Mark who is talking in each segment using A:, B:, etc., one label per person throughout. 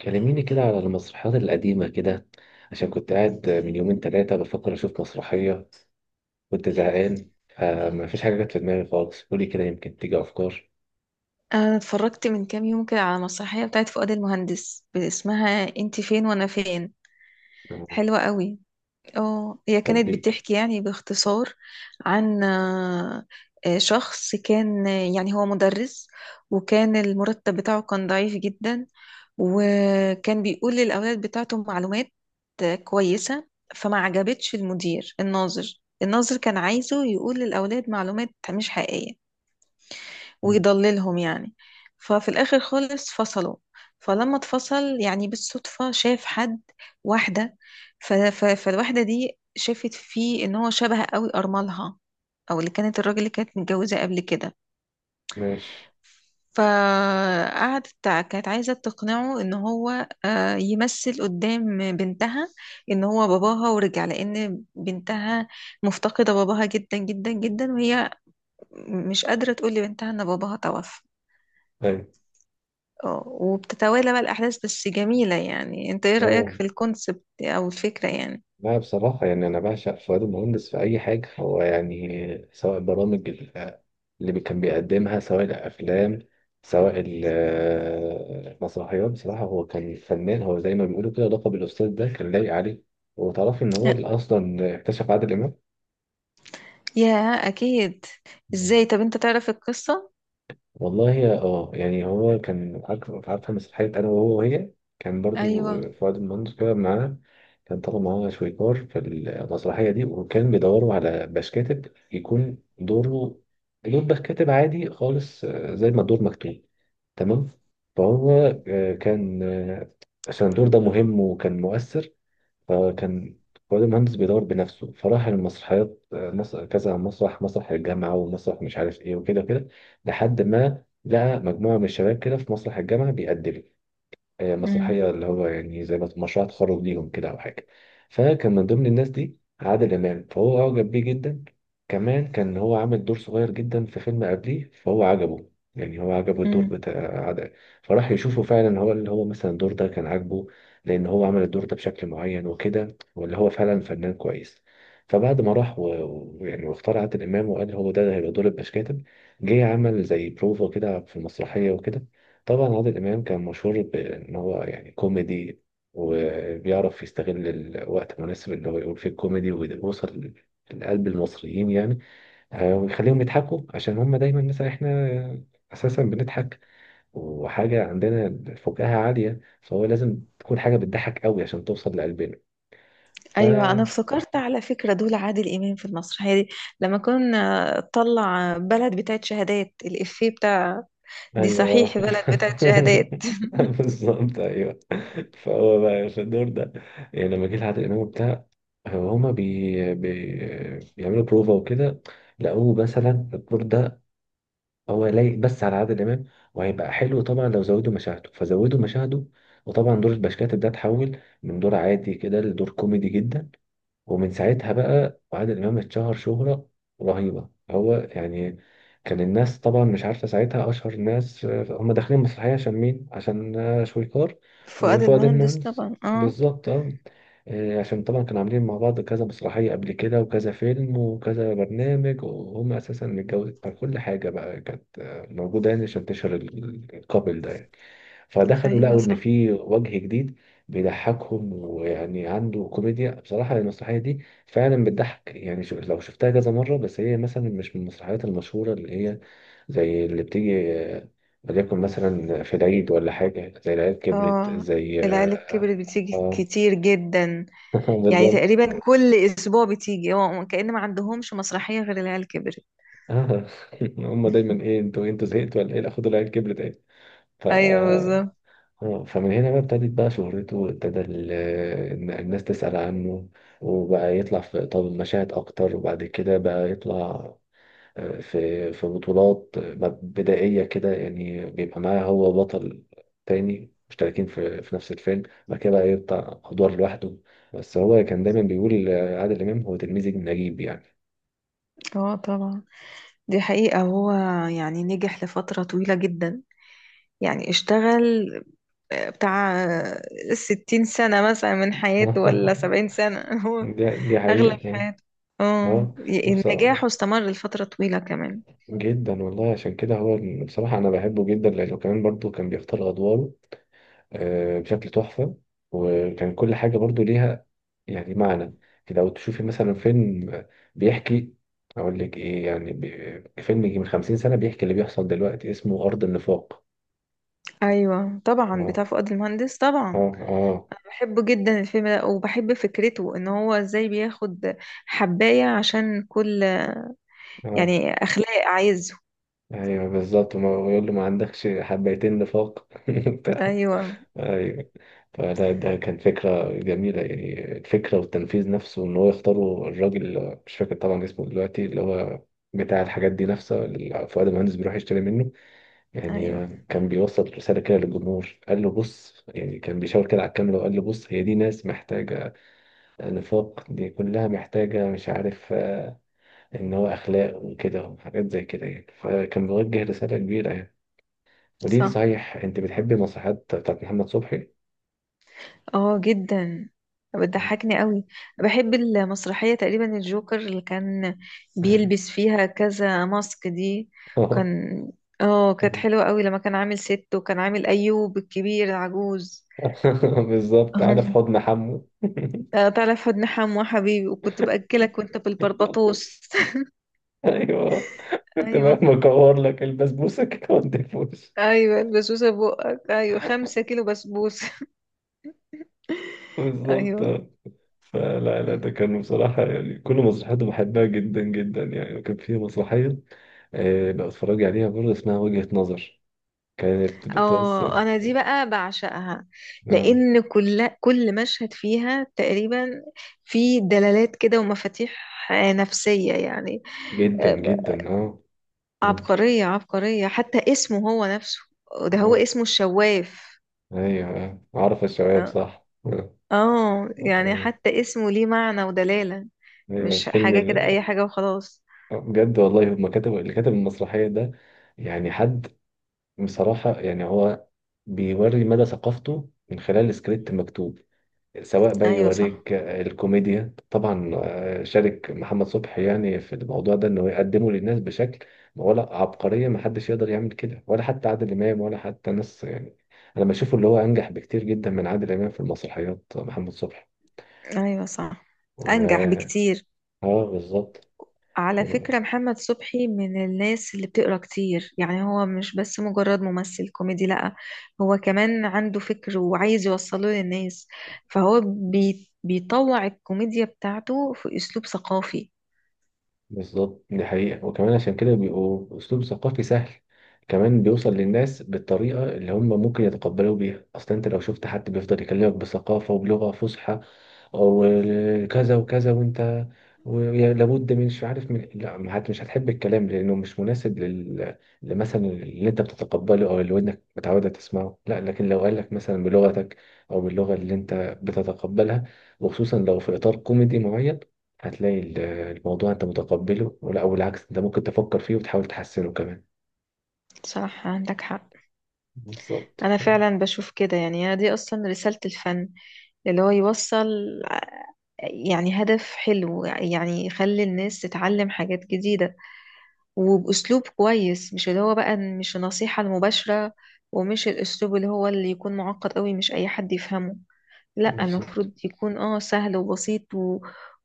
A: كلميني كده على المسرحيات القديمة كده، عشان كنت قاعد من يومين تلاتة بفكر أشوف مسرحية. كنت زهقان فما فيش حاجة جت في دماغي خالص، قولي كده يمكن تيجي أفكار.
B: أنا اتفرجت من كام يوم كده على مسرحية بتاعت فؤاد المهندس اسمها انت فين وانا فين.
A: آه،
B: حلوة قوي. اه، هي كانت
A: تطبيق.
B: بتحكي يعني باختصار عن شخص كان، يعني هو مدرس، وكان المرتب بتاعه كان ضعيف جدا، وكان بيقول للأولاد بتاعته معلومات كويسة. فما عجبتش المدير. الناظر كان عايزه يقول للأولاد معلومات مش حقيقية
A: مم،
B: ويضللهم يعني. ففي الآخر خالص فصلوا. فلما اتفصل يعني بالصدفة شاف حد، واحدة. فالواحدة دي شافت فيه ان هو شبه قوي أرملها، او اللي كانت الراجل اللي كانت متجوزة قبل كده.
A: ماشي.
B: فقعدت كانت عايزة تقنعه ان هو يمثل قدام بنتها ان هو باباها ورجع، لان بنتها مفتقدة باباها جدا جدا جدا، وهي مش قادرة تقول لبنتها ان باباها توفى.
A: طيب.
B: اه، وبتتوالى بقى الأحداث، بس جميلة. يعني انت ايه رأيك
A: أه.
B: في الكونسبت أو الفكرة يعني؟
A: لا، بصراحة يعني أنا بعشق فؤاد المهندس في أي حاجة، هو يعني سواء برامج اللي كان بيقدمها، سواء الأفلام، سواء المسرحيات. بصراحة هو كان فنان، هو زي ما بيقولوا كده لقب الأستاذ ده كان لايق عليه. وتعرفي إن هو اللي أصلا اكتشف عادل
B: يا أكيد.
A: إمام؟
B: ازاي طب انت تعرف القصة؟
A: والله يا اه، يعني هو كان عارفه مسرحيه انا وهو وهي، كان برضو
B: أيوة.
A: فؤاد المهندس كده معانا، كان طالع معانا شويكار في المسرحيه دي، وكان بيدوروا على باش كاتب يكون دوره، دور باش كاتب عادي خالص، زي ما الدور مكتوب تمام. فهو آه، كان آه، عشان الدور ده مهم وكان مؤثر، فكان كل مهندس بيدور بنفسه، فراح المسرحيات، كذا مسرح، مسرح الجامعة ومسرح مش عارف ايه وكده كده، لحد ما لقى مجموعة من الشباب كده في مسرح الجامعة بيقدموا
B: امم
A: مسرحية، اللي هو يعني زي ما مشروع تخرج ليهم كده أو حاجة. فكان من ضمن الناس دي عادل إمام، فهو أعجب بيه جدا. كمان كان هو عامل دور صغير جدا في فيلم قبليه، فهو عجبه، يعني هو عجبه الدور
B: امم
A: بتاع عادل، فراح يشوفه. فعلا هو اللي هو مثلا الدور ده كان عاجبه، لأن هو عمل الدور ده بشكل معين وكده، واللي هو فعلا فنان كويس. فبعد ما راح يعني واختار عادل إمام، وقال هو ده هيبقى دور البشكاتب. جه عمل زي بروفا كده في المسرحية وكده. طبعا عادل إمام كان مشهور بإن هو يعني كوميدي، وبيعرف يستغل الوقت المناسب اللي هو يقول فيه الكوميدي، ويوصل لقلب المصريين يعني، ويخليهم يضحكوا، عشان هم دايما مثلا احنا أساسا بنضحك وحاجة عندنا فكاهة عالية، فهو لازم تكون حاجة بتضحك قوي عشان توصل لقلبنا. ف
B: أيوة، أنا افتكرت على فكرة دول عادل إمام في المسرحية دي لما كنا طلع بلد بتاعت شهادات، الإفيه بتاع دي
A: ايوه.
B: صحيح بلد بتاعت شهادات
A: بالظبط، ايوه. فهو بقى في الدور ده، يعني لما جه لعادل امام وبتاع، هو هما بيعملوا بروفا وكده، لقوه مثلا الدور ده هو لايق بس على عادل امام، وهيبقى حلو، طبعا لو زودوا مشاهده فزودوا مشاهده. وطبعا دور البشكاتب ده اتحول من دور عادي كده لدور كوميدي جدا، ومن ساعتها بقى وعادل إمام اتشهر شهرة رهيبة هو يعني. كان الناس طبعا مش عارفة ساعتها أشهر الناس، هم داخلين المسرحية عشان مين؟ عشان شويكار
B: فؤاد
A: وفؤاد
B: المهندس
A: المهندس.
B: طبعا، اه.
A: بالظبط اه. عشان طبعا كانوا عاملين مع بعض كذا مسرحية قبل كده وكذا فيلم وكذا برنامج، وهم أساسا متجوزين، فكل حاجة بقى كانت موجودة، يعني عشان تشهر الكابل ده يعني. فدخلوا
B: أيوة
A: لقوا ان
B: صح.
A: في وجه جديد بيضحكهم ويعني عنده كوميديا. بصراحه المسرحيه دي فعلا بتضحك، يعني شو لو شفتها كذا مره، بس هي مثلا مش من المسرحيات المشهوره، اللي هي زي اللي بتيجي وليكن مثلا في العيد ولا حاجه، زي العيال كبرت
B: اه،
A: زي
B: العيال
A: اه.
B: الكبرت بتيجي
A: آه،
B: كتير جدا. يعني
A: بالظبط.
B: تقريبا كل اسبوع بتيجي، هو كأن ما عندهمش مسرحية غير العيال كبرت.
A: آه. هم دايما ايه، انتوا زهقتوا ولا ايه، لا خدوا العيال كبرت ايه. ف
B: ايوه
A: آه،
B: بالظبط.
A: آه، فمن هنا بقى ابتدت بقى شهرته، وابتدى إن الناس تسأل عنه، وبقى يطلع في طب مشاهد أكتر، وبعد كده بقى يطلع في بطولات بدائية كده، يعني بيبقى معاه هو بطل تاني، مشتركين في نفس الفيلم. بعد كده بقى يطلع أدوار لوحده. بس هو كان دايما بيقول عادل إمام هو تلميذ نجيب يعني.
B: اه طبعا. دي حقيقة. هو يعني نجح لفترة طويلة جدا، يعني اشتغل بتاع 60 سنة مثلا من حياته ولا 70 سنة هو
A: دي
B: أغلب
A: حقيقة اه.
B: حياته، اه،
A: آه. وبص-
B: النجاح استمر لفترة طويلة كمان.
A: جدا والله، عشان كده هو بصراحة أنا بحبه جدا، لأنه كمان برضه كان بيختار أدواره بشكل تحفة. وكان كل حاجة برضه ليها يعني معنى كده، لو تشوفي مثلا فيلم بيحكي، أقول لك إيه يعني، فيلم يجي من 50 سنة بيحكي اللي بيحصل دلوقتي، اسمه أرض النفاق.
B: ايوه طبعا
A: آه.
B: بتاع فؤاد المهندس
A: آه.
B: طبعا.
A: آه.
B: بحبه جدا الفيلم ده وبحب فكرته ان هو ازاي بياخد حباية عشان كل
A: آه.
B: يعني اخلاق عايزه.
A: أيوه، بالظبط. ويقول له ما عندكش حبيتين نفاق.
B: ايوه.
A: ايوه. فده ده كان فكرة جميلة، يعني الفكرة والتنفيذ نفسه، ان هو يختاروا الراجل مش فاكر طبعا اسمه دلوقتي اللي هو بتاع الحاجات دي نفسه، اللي فؤاد المهندس بيروح يشتري منه يعني،
B: ايوه
A: كان بيوصل رسالة كده للجمهور، قال له بص يعني، كان بيشاور كده على الكاميرا وقال له بص، هي دي ناس محتاجة نفاق، دي كلها محتاجة مش عارف ان هو اخلاق وكده وحاجات زي كده يعني، فكان بيوجه رسالة كبيرة يعني. ودي
B: صح.
A: صحيح، انت بتحبي المسرحيات بتاعت محمد صبحي؟
B: اه جدا،
A: مم.
B: بتضحكني قوي. بحب المسرحية تقريبا الجوكر اللي كان
A: أيوة.
B: بيلبس فيها كذا ماسك دي.
A: آه.
B: كان اه كانت حلوة قوي لما كان عامل ست وكان عامل ايوب الكبير العجوز
A: بالظبط، انا في حضن حمو.
B: تعرف حد نحم وحبيبي وكنت بأكلك وانت بالبربطوس
A: ايوه، كنت بقى
B: ايوه.
A: بكور لك البسبوسه كده وانت في وشي.
B: ايوه البسبوسة بقك، ايوه 5 كيلو بسبوسة
A: بالظبط
B: ايوه.
A: آه. فلا لا، ده كانوا بصراحة يعني كل مسرحياته بحبها جدا جدا يعني. وكان في مسرحية بقى اتفرج عليها برضه اسمها وجهة نظر، كانت بتوصل
B: اه، انا دي بقى بعشقها
A: آه،
B: لان كل مشهد فيها تقريبا في دلالات كده ومفاتيح نفسية يعني.
A: جدا
B: آه،
A: جدا اه. مم.
B: عبقرية عبقرية، حتى اسمه هو نفسه، ده هو
A: اه
B: اسمه الشواف.
A: ايوه آه. عارف الشباب
B: اه،
A: صح آه.
B: يعني
A: آه.
B: حتى اسمه ليه معنى ودلالة،
A: ايوه
B: مش
A: الفيلم.
B: حاجة كده اي حاجة وخلاص.
A: بجد والله، هما كتب اللي كتب المسرحية ده يعني حد بصراحة يعني، هو بيوري مدى ثقافته من خلال سكريبت مكتوب. سواء بقى
B: ايوه صح.
A: يوريك الكوميديا طبعا، شارك محمد صبحي يعني في الموضوع ده انه يقدمه للناس بشكل. ولا عبقرية، ما حدش يقدر يعمل كده، ولا حتى عادل امام ولا حتى ناس يعني. انا بشوفه اللي هو انجح بكتير جدا من عادل امام في المسرحيات محمد صبحي.
B: ايوه صح، انجح
A: و
B: بكتير.
A: اه، بالظبط.
B: على فكرة محمد صبحي من الناس اللي بتقرا كتير، يعني هو مش بس مجرد ممثل كوميدي، لأ، هو كمان عنده فكر وعايز يوصله للناس. فهو بيطوع الكوميديا بتاعته في أسلوب ثقافي.
A: بالظبط، دي حقيقة. وكمان عشان كده بيبقوا أسلوب ثقافي سهل، كمان بيوصل للناس بالطريقة اللي هم ممكن يتقبلوا بيها أصلا. أنت لو شفت حد بيفضل يكلمك بثقافة وبلغة فصحى وكذا وكذا، وأنت لابد من مش عارف من لا ما مش هتحب الكلام، لأنه مش مناسب لل مثلا اللي أنت بتتقبله أو اللي ودنك متعودة تسمعه، لا. لكن لو قالك مثلا بلغتك أو باللغة اللي أنت بتتقبلها، وخصوصا لو في إطار كوميدي معين، هتلاقي الموضوع انت متقبله، ولا او بالعكس انت ممكن تفكر فيه وتحاول تحسنه كمان.
B: صح عندك حق.
A: بالظبط
B: أنا
A: ف-
B: فعلا بشوف كده، يعني أنا دي أصلا رسالة الفن، اللي هو يوصل، يعني هدف حلو يعني يخلي الناس تتعلم حاجات جديدة وبأسلوب كويس، مش اللي هو بقى مش النصيحة المباشرة، ومش الأسلوب اللي هو اللي يكون معقد قوي مش أي حد يفهمه. لا،
A: بالظبط.
B: المفروض يكون اه سهل وبسيط و...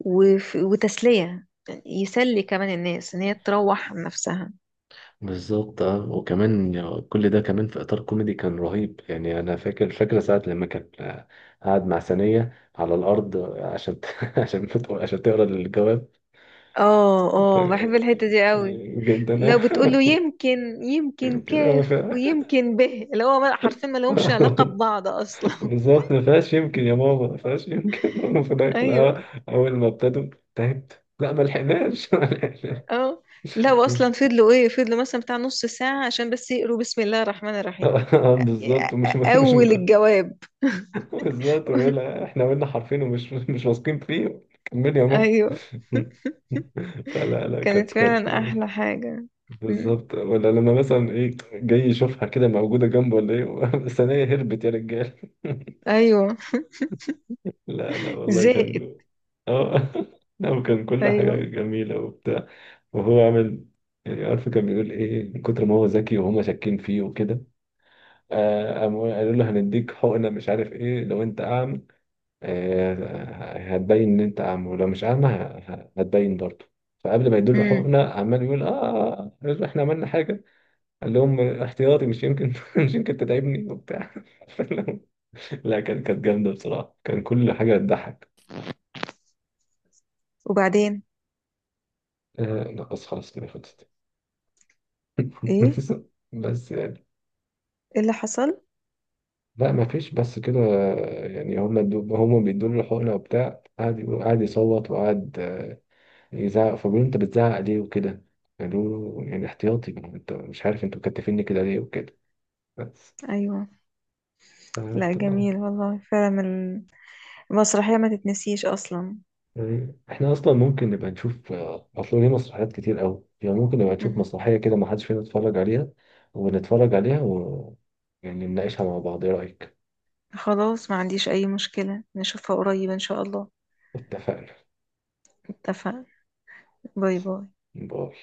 B: وف... وتسلية، يسلي كمان الناس إن هي تروح عن نفسها.
A: بالظبط اه، وكمان يعني كل ده كمان في اطار كوميدي كان رهيب، يعني انا فاكره ساعه لما كان قاعد مع ثانيه على الارض عشان عشان عشان تقرا الجواب.
B: اه
A: ف-
B: اه، بحب الحتة دي قوي.
A: جدا انا.
B: لو بتقول له يمكن، يمكن
A: يمكن انا
B: كاف
A: فا.
B: ويمكن به، اللي هو حرفيا ما لهمش علاقة ببعض أصلا
A: بالظبط، ما فيهاش يمكن يا ماما، ما فيهاش يمكن في الآخر،
B: أيوه.
A: اول ما ابتدوا تعبت، لا ما لحقناش ما لحقناش.
B: اه. لا، واصلا فضلوا ايه، فضلوا مثلا بتاع نص ساعة عشان بس يقروا بسم الله الرحمن الرحيم
A: بالظبط، ومش مش
B: اول
A: مت...
B: الجواب
A: بالظبط، ويقول لها احنا قلنا حرفين ومش مش واثقين فيه، كمل يا ماما.
B: ايوه،
A: فلا لا
B: كانت
A: كانت.
B: فعلا احلى حاجة. مم.
A: بالظبط، ولا لما مثلا ايه جاي يشوفها كده موجوده جنبه ولا ايه بس انا إيه، هربت يا رجال.
B: ايوه.
A: لا لا والله
B: زائد.
A: كان. اه. لا، وكان كل حاجه
B: ايوه.
A: جميله وبتاع، وهو عامل يعني عارف، كان بيقول ايه من كتر ما هو ذكي وهما شاكين فيه وكده، قاموا قالوا له هنديك حقنه مش عارف ايه، لو انت اعمى هتبين ان انت اعمى، ولو مش اعمى هتبين برضه. فقبل ما يدوا
B: مم.
A: حقنه عمال يقول اه، احنا عملنا حاجه، قال لهم احتياطي مش يمكن مش يمكن تتعبني وبتاع. لا كانت جامده بصراحه، كان كل حاجه تضحك.
B: وبعدين؟
A: لا بس خلاص كده خلصت.
B: ايه؟
A: بس يعني.
B: ايه اللي حصل؟
A: لا ما فيش بس كده. يعني هما هما بيدوا له الحقنه وبتاع، قعد قعد يصوت وقعد يزعق، فبيقول له انت بتزعق ليه وكده، قالوا له يعني احتياطي انت مش عارف انتوا مكتفيني كده ليه وكده، بس.
B: ايوه. لا
A: فهمت بقى.
B: جميل والله فعلا، المسرحية ما تتنسيش اصلا.
A: يعني احنا اصلا ممكن نبقى نشوف اصل ليه مسرحيات كتير قوي، يعني ممكن نبقى نشوف
B: مم.
A: مسرحية كده ما حدش فينا اتفرج عليها، ونتفرج عليها و يعني نناقشها مع بعض، ايه رأيك.
B: خلاص، ما عنديش اي مشكلة، نشوفها قريب ان شاء الله.
A: اتفقنا.
B: اتفقنا. باي باي.
A: باي.